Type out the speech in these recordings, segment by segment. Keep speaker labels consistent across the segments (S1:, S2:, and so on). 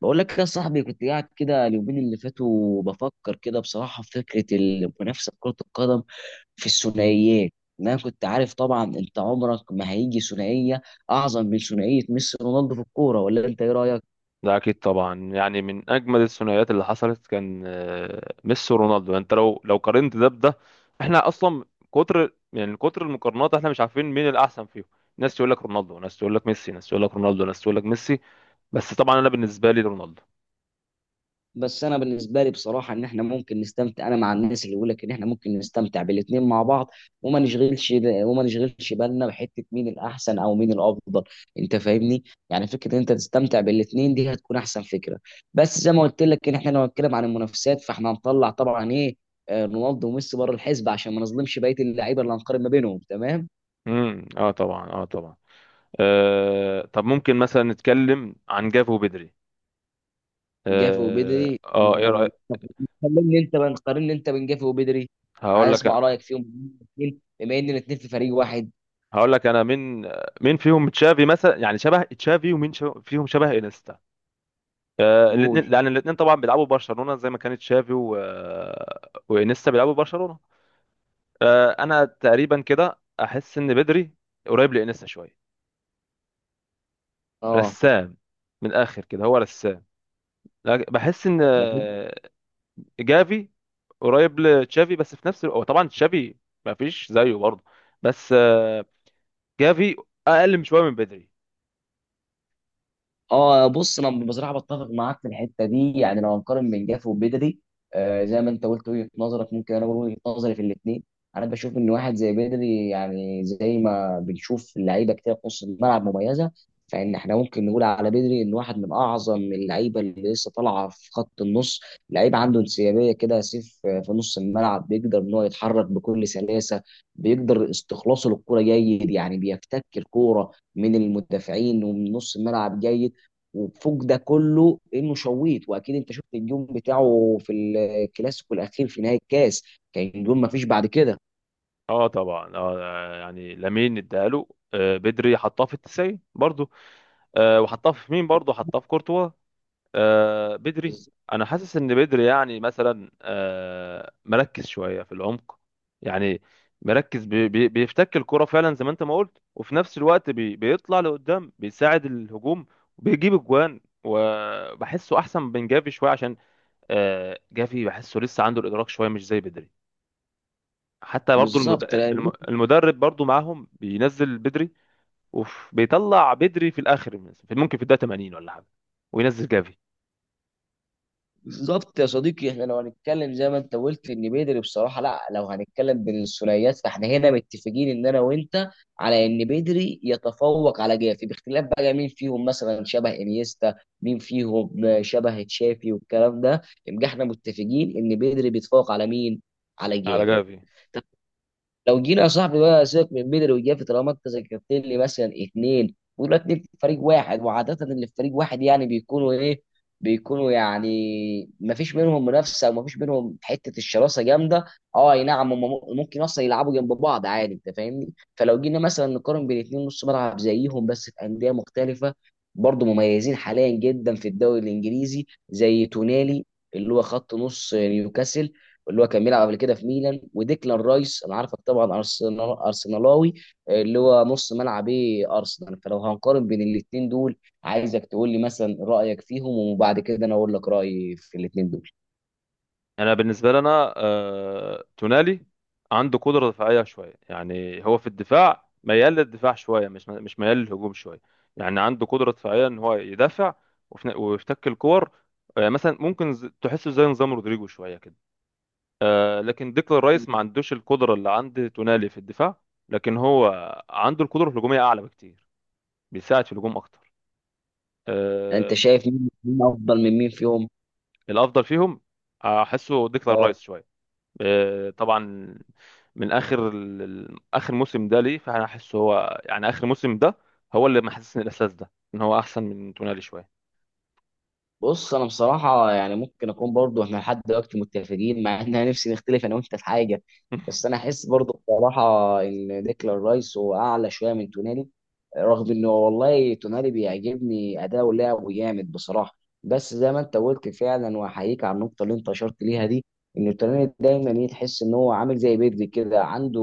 S1: بقول لك يا صاحبي كنت قاعد كده اليومين اللي فاتوا بفكر كده بصراحة في فكرة المنافسة في كرة القدم في الثنائيات. إن انا كنت عارف طبعا، انت عمرك ما هيجي ثنائية اعظم من ثنائية ميسي ورونالدو في الكورة، ولا انت ايه رأيك؟
S2: ده اكيد طبعا يعني من اجمل الثنائيات اللي حصلت كان ميسي ورونالدو. يعني انت لو قارنت ده بده، احنا اصلا كتر، يعني كتر المقارنات، احنا مش عارفين مين الاحسن فيهم. ناس تقول لك رونالدو، ناس تقول لك ميسي، ناس تقول لك رونالدو، ناس تقول لك ميسي، بس طبعا انا بالنسبه لي رونالدو.
S1: بس انا بالنسبه لي بصراحه ان احنا ممكن نستمتع، انا مع الناس اللي بيقول لك ان احنا ممكن نستمتع بالاثنين مع بعض، وما نشغلش بالنا بحته مين الاحسن او مين الافضل. انت فاهمني؟ يعني فكره ان انت تستمتع بالاثنين دي هتكون احسن فكره. بس زي ما قلت لك، ان احنا لو هنتكلم عن المنافسات فاحنا هنطلع طبعا ايه، رونالدو وميسي بره الحسبه، عشان ما نظلمش بقيه اللعيبه اللي هنقارن ما بينهم. تمام.
S2: اه طبعا، اه طبعا. طب ممكن مثلا نتكلم عن جافو بدري.
S1: جافي وبدري
S2: ايه
S1: يعني،
S2: رايك؟
S1: كلمني انت بقى، قارن انت بين جافي وبدري،
S2: هقول
S1: عايز
S2: لك
S1: اسمع رايك فيهم الاثنين بما ان الاثنين في فريق واحد.
S2: هقول لك انا مين، مين فيهم تشافي مثلا، يعني شبه تشافي، ومين شبه فيهم شبه انستا الاثنين،
S1: جول.
S2: لان الاثنين طبعا بيلعبوا برشلونه زي ما كانت شافي وانيستا بيلعبوا برشلونه. انا تقريبا كده احس ان بدري قريب لانيستا شويه،
S1: اه.
S2: رسام، من الاخر كده هو رسام. لكن بحس ان
S1: انا.
S2: جافي قريب لتشافي، بس في نفس الوقت هو طبعا تشافي ما فيش زيه برضه بس جافي اقل من شويه من بدري.
S1: اه. بص انا بصراحه بتفق معاك في الحته دي، يعني لو هنقارن بين جاف وبدري، زي ما انت قلت وجهه نظرك، ممكن انا اقول وجهه نظري في الاثنين. انا بشوف ان واحد زي بدري، يعني زي ما بنشوف لعيبه كتير في نص الملعب مميزه، فان احنا ممكن نقول على بدري ان واحد من اعظم اللعيبه اللي لسه طالعه في خط النص. لعيب عنده انسيابيه كده سيف، في نص الملعب بيقدر ان هو يتحرك بكل سلاسه. بيقدر استخلاصه للكره جيد، يعني بيفتك الكوره من المدافعين ومن نص الملعب جيد. وفوق ده كله انه شويت، واكيد انت شفت الجون بتاعه في الكلاسيكو الاخير في نهائي الكاس، كان جون ما فيش بعد كده.
S2: اه طبعا، اه يعني لامين اداله، بدري حطاه في التسعين برضه، وحطاه في مين؟ برضه حطاه في كورتوا. بدري،
S1: بز-
S2: انا حاسس ان بدري يعني مثلا مركز شويه في العمق، يعني مركز بي بي بيفتك الكرة فعلا زي ما انت ما قلت، وفي نفس الوقت بيطلع لقدام، بيساعد الهجوم وبيجيب اجوان، وبحسه احسن من جافي شويه، عشان جافي بحسه لسه عنده الادراك شويه مش زي بدري. حتى برضو
S1: بالظبط لأن-
S2: المدرب برضو معاهم، بينزل بدري وبيطلع بدري في الاخر مثلاً، ممكن في الدقيقه 80 ولا حاجه وينزل جافي.
S1: بالظبط يا صديقي، احنا لو هنتكلم زي ما انت قلت ان بيدري، بصراحه لا، لو هنتكلم بين الثنائيات فاحنا هنا متفقين ان انا وانت على ان بيدري يتفوق على جافي، باختلاف بقى مين فيهم مثلا شبه انيستا، مين فيهم شبه تشافي، والكلام ده يبقى احنا متفقين ان بيدري بيتفوق على مين؟ على
S2: على
S1: جافي.
S2: جافي.
S1: لو جينا يا صاحبي بقى سيبك من بدري وجافي، طالما انت ذكرت لي مثلا اثنين، ولا اتنين في فريق واحد، وعاده اللي في فريق واحد يعني بيكونوا ايه، بيكونوا يعني ما فيش بينهم منافسه وما فيش بينهم حته الشراسه جامده. اه اي نعم، هم ممكن اصلا يلعبوا جنب بعض عادي، انت فاهمني؟ فلو جينا مثلا نقارن بين اتنين نص ملعب زيهم بس في انديه مختلفه، برضه مميزين حاليا جدا في الدوري الانجليزي، زي تونالي اللي هو خط نص نيوكاسل، اللي هو كان بيلعب قبل كده في ميلان، وديكلان رايس، انا عارفك طبعا ارسنال ارسنالاوي، اللي هو نص ملعب ايه ارسنال. فلو هنقارن بين الاثنين دول، عايزك تقول لي مثلا رايك فيهم، وبعد كده انا اقول لك رايي في الاثنين دول.
S2: انا بالنسبه لنا، تونالي عنده قدره دفاعيه شويه، يعني هو في الدفاع ميال للدفاع شويه، مش ميال للهجوم شويه، يعني عنده قدره دفاعيه ان هو يدافع وفي- ن- ويفتك الكور. مثلا ممكن تحسه زي نظام رودريجو شويه كده. لكن ديكلان رايس ما عندوش القدره اللي عند تونالي في الدفاع، لكن هو عنده القدره الهجوميه اعلى بكتير، بيساعد في الهجوم اكتر.
S1: انت
S2: آه،
S1: شايف مين مين افضل من مين فيهم؟
S2: الافضل فيهم احسه ديكلان
S1: اه،
S2: رايس شويه. طبعا من اخر اخر موسم ده ليه، فانا احس هو يعني اخر موسم ده هو اللي محسسني الاحساس ده، ان هو احسن من تونالي شويه.
S1: بص انا بصراحه يعني ممكن اكون برضو، احنا لحد دلوقتي متفقين، مع ان انا نفسي نختلف انا وانت في حاجه. بس انا احس برضو بصراحه ان ديكلان رايس هو اعلى شويه من تونالي، رغم انه والله تونالي بيعجبني اداؤه، لعبه جامد بصراحه. بس زي ما انت قلت فعلا، واحييك على النقطه اللي انت اشرت ليها دي، ان تونالي دايما ايه، تحس ان هو عامل زي بيدري كده، عنده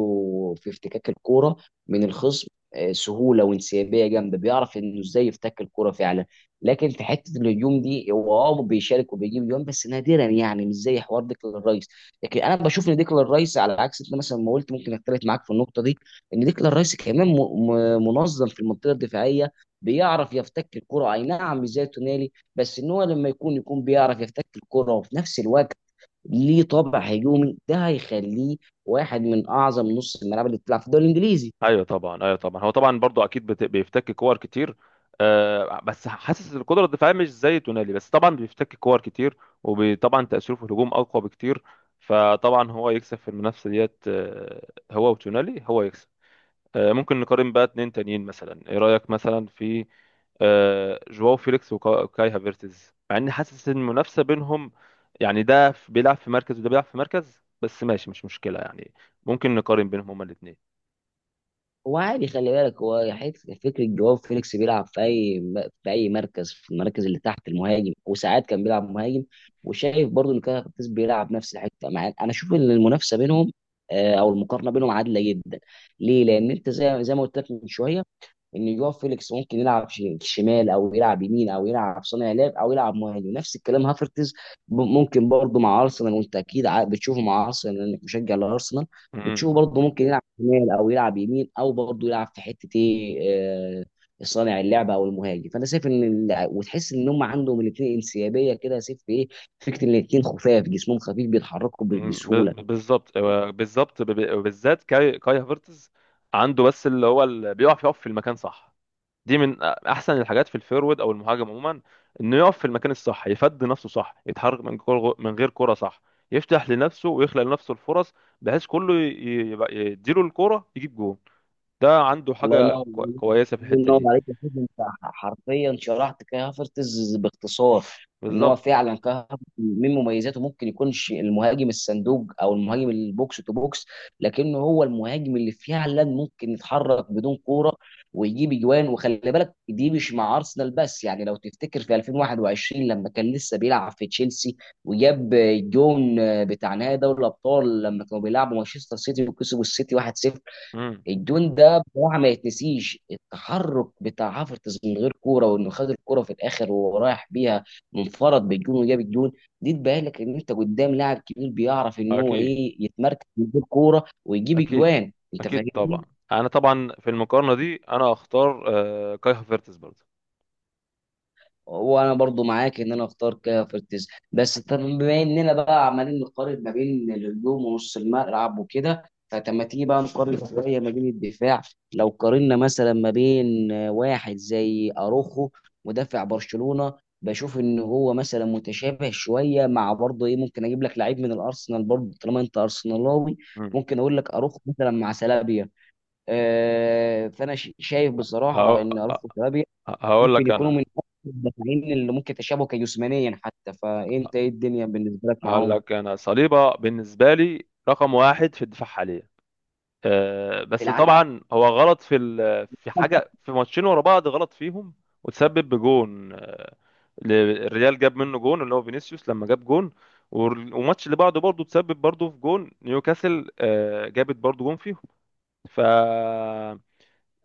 S1: في افتكاك الكوره من الخصم سهوله وانسيابيه جامده، بيعرف انه ازاي يفتك الكوره فعلا. لكن في حته الهجوم دي هو بيشارك وبيجيب جون بس نادرا، يعني مش زي حوار ديكلان رايس. لكن انا بشوف ان ديكلان رايس على عكس انت مثلا ما قلت، ممكن اختلف معاك في النقطه دي، ان ديكلان رايس كمان منظم في المنطقه الدفاعيه. بيعرف يفتك الكره اي نعم، مش زي تونالي، بس ان هو لما يكون بيعرف يفتك الكره وفي نفس الوقت ليه طابع هجومي، ده هيخليه واحد من اعظم نص الملعب اللي بتلعب في الدوري الانجليزي.
S2: ايوه طبعا، ايوه طبعا، هو طبعا برضو اكيد بيفتك كور كتير. بس حاسس القدره الدفاعيه مش زي تونالي، بس طبعا بيفتك كور كتير، وطبعا تاثيره في الهجوم اقوى بكتير، فطبعا هو يكسب في المنافسه ديت. هو وتونالي، هو يكسب. ممكن نقارن بقى اتنين تانيين مثلا. ايه رأيك مثلا في جواو فيليكس وكا- وكاي هافيرتز؟ مع اني حاسس ان المنافسة بينهم، يعني ده بيلعب في مركز وده بيلعب في مركز، بس ماشي مش مشكلة، يعني ممكن نقارن بينهم هما الاتنين.
S1: هو عادي خلي بالك، هو حته فكره جواو فيليكس، بيلعب في اي مركز، في المراكز اللي تحت المهاجم، وساعات كان بيلعب مهاجم. وشايف برضو ان كان كارفاخال بيلعب نفس الحته، مع انا اشوف ان المنافسه بينهم، او المقارنه بينهم عادله جدا. ليه؟ لان انت زي ما قلت لك من شويه، ان جوا فيليكس ممكن يلعب شمال او يلعب يمين او يلعب صانع لعب او يلعب مهاجم، نفس الكلام هافرتز. ممكن برضه مع ارسنال، وانت اكيد بتشوفه مع ارسنال لانك مشجع لارسنال.
S2: مم.
S1: بتشوفه برضه ممكن يلعب شمال او يلعب يمين او برضه يلعب في حته ايه، آه، صانع اللعبه او المهاجم. فانا شايف ان وتحس ان هم عندهم الاثنين انسيابيه كده يا سيف في ايه، فكره الاثنين خفاف، جسمهم خفيف، بيتحركوا بسهوله.
S2: بالظبط، بالظبط، بالذات كاي هافيرتز عنده بس اللي هو اللي بيقف، يقف في المكان صح. دي من احسن الحاجات في الفيرود او المهاجم عموما، انه يقف في المكان الصح، يفد نفسه صح، يتحرك من كرة من غير كرة صح، يفتح لنفسه ويخلق لنفسه الفرص، بحيث كله يبقى يديله الكرة يجيب جون. ده عنده
S1: الله ينور
S2: حاجة
S1: عليك.
S2: كويسة في
S1: الله
S2: الحتة
S1: ينور
S2: دي.
S1: عليك يا سيدي، انت حرفيا شرحت كاي هافرتز باختصار. ان هو
S2: بالظبط.
S1: فعلا كاي هافرتز من مميزاته، ممكن يكونش المهاجم الصندوق او المهاجم البوكس تو بوكس، لكنه هو المهاجم اللي فعلا ممكن يتحرك بدون كوره ويجيب اجوان. وخلي بالك دي مش مع ارسنال بس، يعني لو تفتكر في 2021 لما كان لسه بيلعب في تشيلسي وجاب الجون بتاع نهائي دوري الابطال، لما كانوا بيلعبوا مانشستر سيتي وكسبوا السيتي 1-0.
S2: امم.
S1: الجون ده بصراحه ما يتنسيش، التحرك بتاع حافظ من غير كوره، وانه خد الكوره في الاخر وهو رايح بيها منفرد بالجون، وجاب الجون. دي تبين لك ان انت قدام لاعب كبير، بيعرف ان هو
S2: اكيد،
S1: ايه يتمركز من غير كوره ويجيب
S2: اكيد،
S1: اجوان، انت
S2: اكيد طبعا.
S1: فاهمني؟
S2: انا طبعا في المقارنة دي انا اختار كاي هافيرتز برضه.
S1: وانا برضو معاك، ان انا اختار كافرتز. بس طب بما اننا بقى عمالين نقارن ما بين الهجوم ونص الملعب وكده، فلما تيجي بقى نقارن شويه ما بين الدفاع. لو قارنا مثلا ما بين واحد زي اروخو مدافع برشلونه، بشوف ان هو مثلا متشابه شويه مع برضه ايه، ممكن اجيب لك لعيب من الارسنال برضه طالما انت ارسنالاوي،
S2: امم.
S1: ممكن اقول لك اروخو مثلا مع سلابيا. فانا شايف بصراحه
S2: هقو-
S1: ان اروخو وسلابيا
S2: هقول
S1: ممكن
S2: لك
S1: يكونوا من
S2: انا
S1: أكثر المدافعين اللي ممكن تشابهوا كجسمانيا حتى، فانت ايه الدنيا بالنسبه لك
S2: هقول
S1: معاهم
S2: لك انا صليبة بالنسبة لي رقم واحد في الدفاع حاليا.
S1: في
S2: بس
S1: العالم؟
S2: طبعا هو غلط في حاجه، في ماتشين ورا بعض غلط فيهم، وتسبب بجون. ل- الريال جاب منه جون، اللي هو فينيسيوس لما جاب جون. والماتش اللي بعده برضه تسبب برضه في جون نيوكاسل، جابت برضه جون فيهم. ف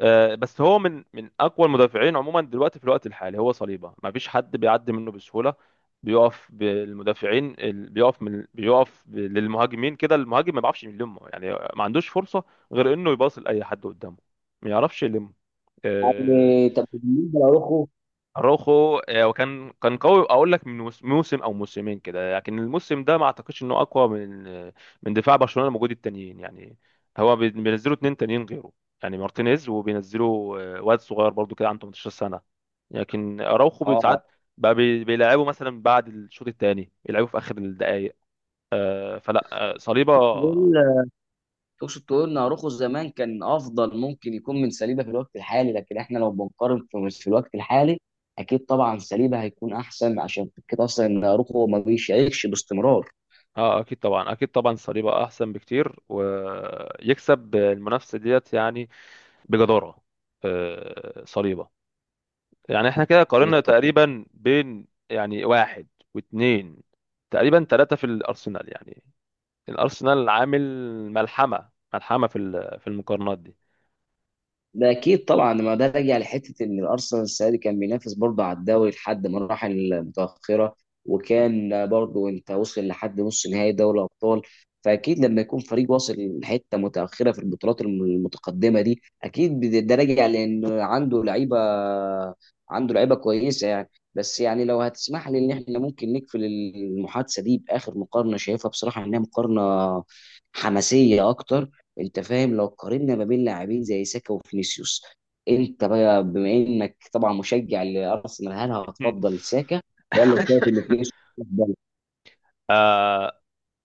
S2: آه، بس هو من اقوى المدافعين عموما دلوقتي في الوقت الحالي، هو صليبه، ما فيش حد بيعدي منه بسهوله. بيقف بالمدافعين بيقف للمهاجمين كده، المهاجم ما بيعرفش يلمه، يعني ما عندوش فرصه غير انه يباص لاي حد قدامه، ما يعرفش يلم.
S1: يعني طب بالنسبه لاروخو،
S2: اروخو، وكان قوي، اقول لك من موسم او موسمين كده، لكن الموسم ده ما اعتقدش انه اقوى من من دفاع برشلونة الموجود، التانيين يعني، هو بينزلوا اتنين تانيين غيره، يعني مارتينيز، وبينزلوا واد صغير برضو كده عنده 18 سنة. لكن اراوخو
S1: اه،
S2: ساعات بقى بيلعبوا مثلا بعد الشوط الثاني، يلعبوا في اخر الدقائق. آه، فلا آه،
S1: تقول
S2: صليبا.
S1: تقصد تقول ان اروخو زمان كان افضل، ممكن يكون من سليبه في الوقت الحالي، لكن احنا لو بنقارن في الوقت الحالي اكيد طبعا سليبه هيكون احسن، عشان كده اصلا ان اروخو ما بيشاركش باستمرار.
S2: اه اكيد طبعا، اكيد طبعا، صليبا احسن بكتير ويكسب المنافسة ديت يعني بجدارة. صليبة. يعني احنا كده قارنا
S1: اكيد.
S2: تقريبا بين يعني واحد واتنين، تقريبا تلاتة في الأرسنال، يعني الأرسنال عامل ملحمة في المقارنات دي.
S1: ده اكيد طبعا، ما ده راجع لحته ان الارسنال السنه دي كان بينافس برضه على الدوري لحد مراحل متاخره، وكان برضه انت وصل لحد نص نهائي دوري الابطال، فاكيد لما يكون فريق واصل لحته متاخره في البطولات المتقدمه دي اكيد ده راجع لان عنده لعيبه، عنده لعيبه كويسه يعني. بس يعني لو هتسمح لي ان احنا ممكن نقفل المحادثه دي باخر مقارنه، شايفها بصراحه انها مقارنه حماسيه اكتر، انت فاهم، لو قارنا ما بين لاعبين زي ساكا وفينيسيوس، انت بقى بما انك طبعا مشجع لارسنال، هل هتفضل ساكا ولا شايف ان فينيسيوس افضل؟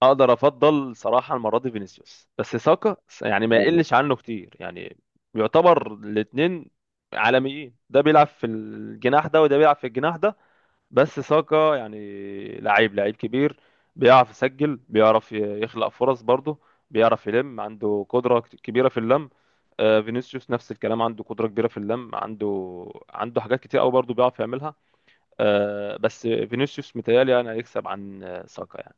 S2: اقدر افضل صراحه المره دي فينيسيوس، بس ساكا يعني ما يقلش عنه كتير يعني، يعتبر الاثنين عالميين، ده بيلعب في الجناح ده وده بيلعب في الجناح ده، بس ساكا يعني لعيب، لعيب كبير، بيعرف يسجل، بيعرف يخلق فرص برضه، بيعرف يلم، عنده قدرة كبيرة في اللم. فينيسيوس نفس الكلام، عنده قدرة كبيرة في اللم، عنده حاجات كتير قوي برضه بيعرف يعملها. بس فينيسيوس متهيألي يعني هيكسب عن ساكا يعني.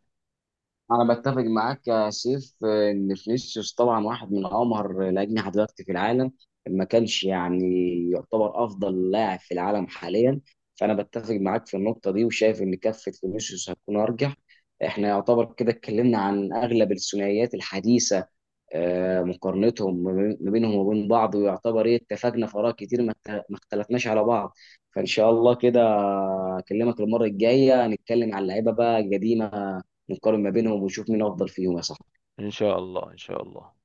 S1: انا بتفق معاك يا سيف، ان فينيسيوس طبعا واحد من امهر الاجنحه دلوقتي في العالم، ما كانش يعني يعتبر افضل لاعب في العالم حاليا، فانا بتفق معاك في النقطه دي، وشايف ان كفه فينيسيوس هتكون ارجح. احنا يعتبر كده اتكلمنا عن اغلب الثنائيات الحديثه، مقارنتهم ما بينهم وبين بعض، ويعتبر ايه اتفقنا في اراء كتير، ما اختلفناش على بعض. فان شاء الله كده اكلمك المره الجايه نتكلم على اللعيبه بقى القديمه، نقارن ما بينهم ونشوف مين افضل فيهم يا صاحبي.
S2: إن شاء الله، إن شاء الله.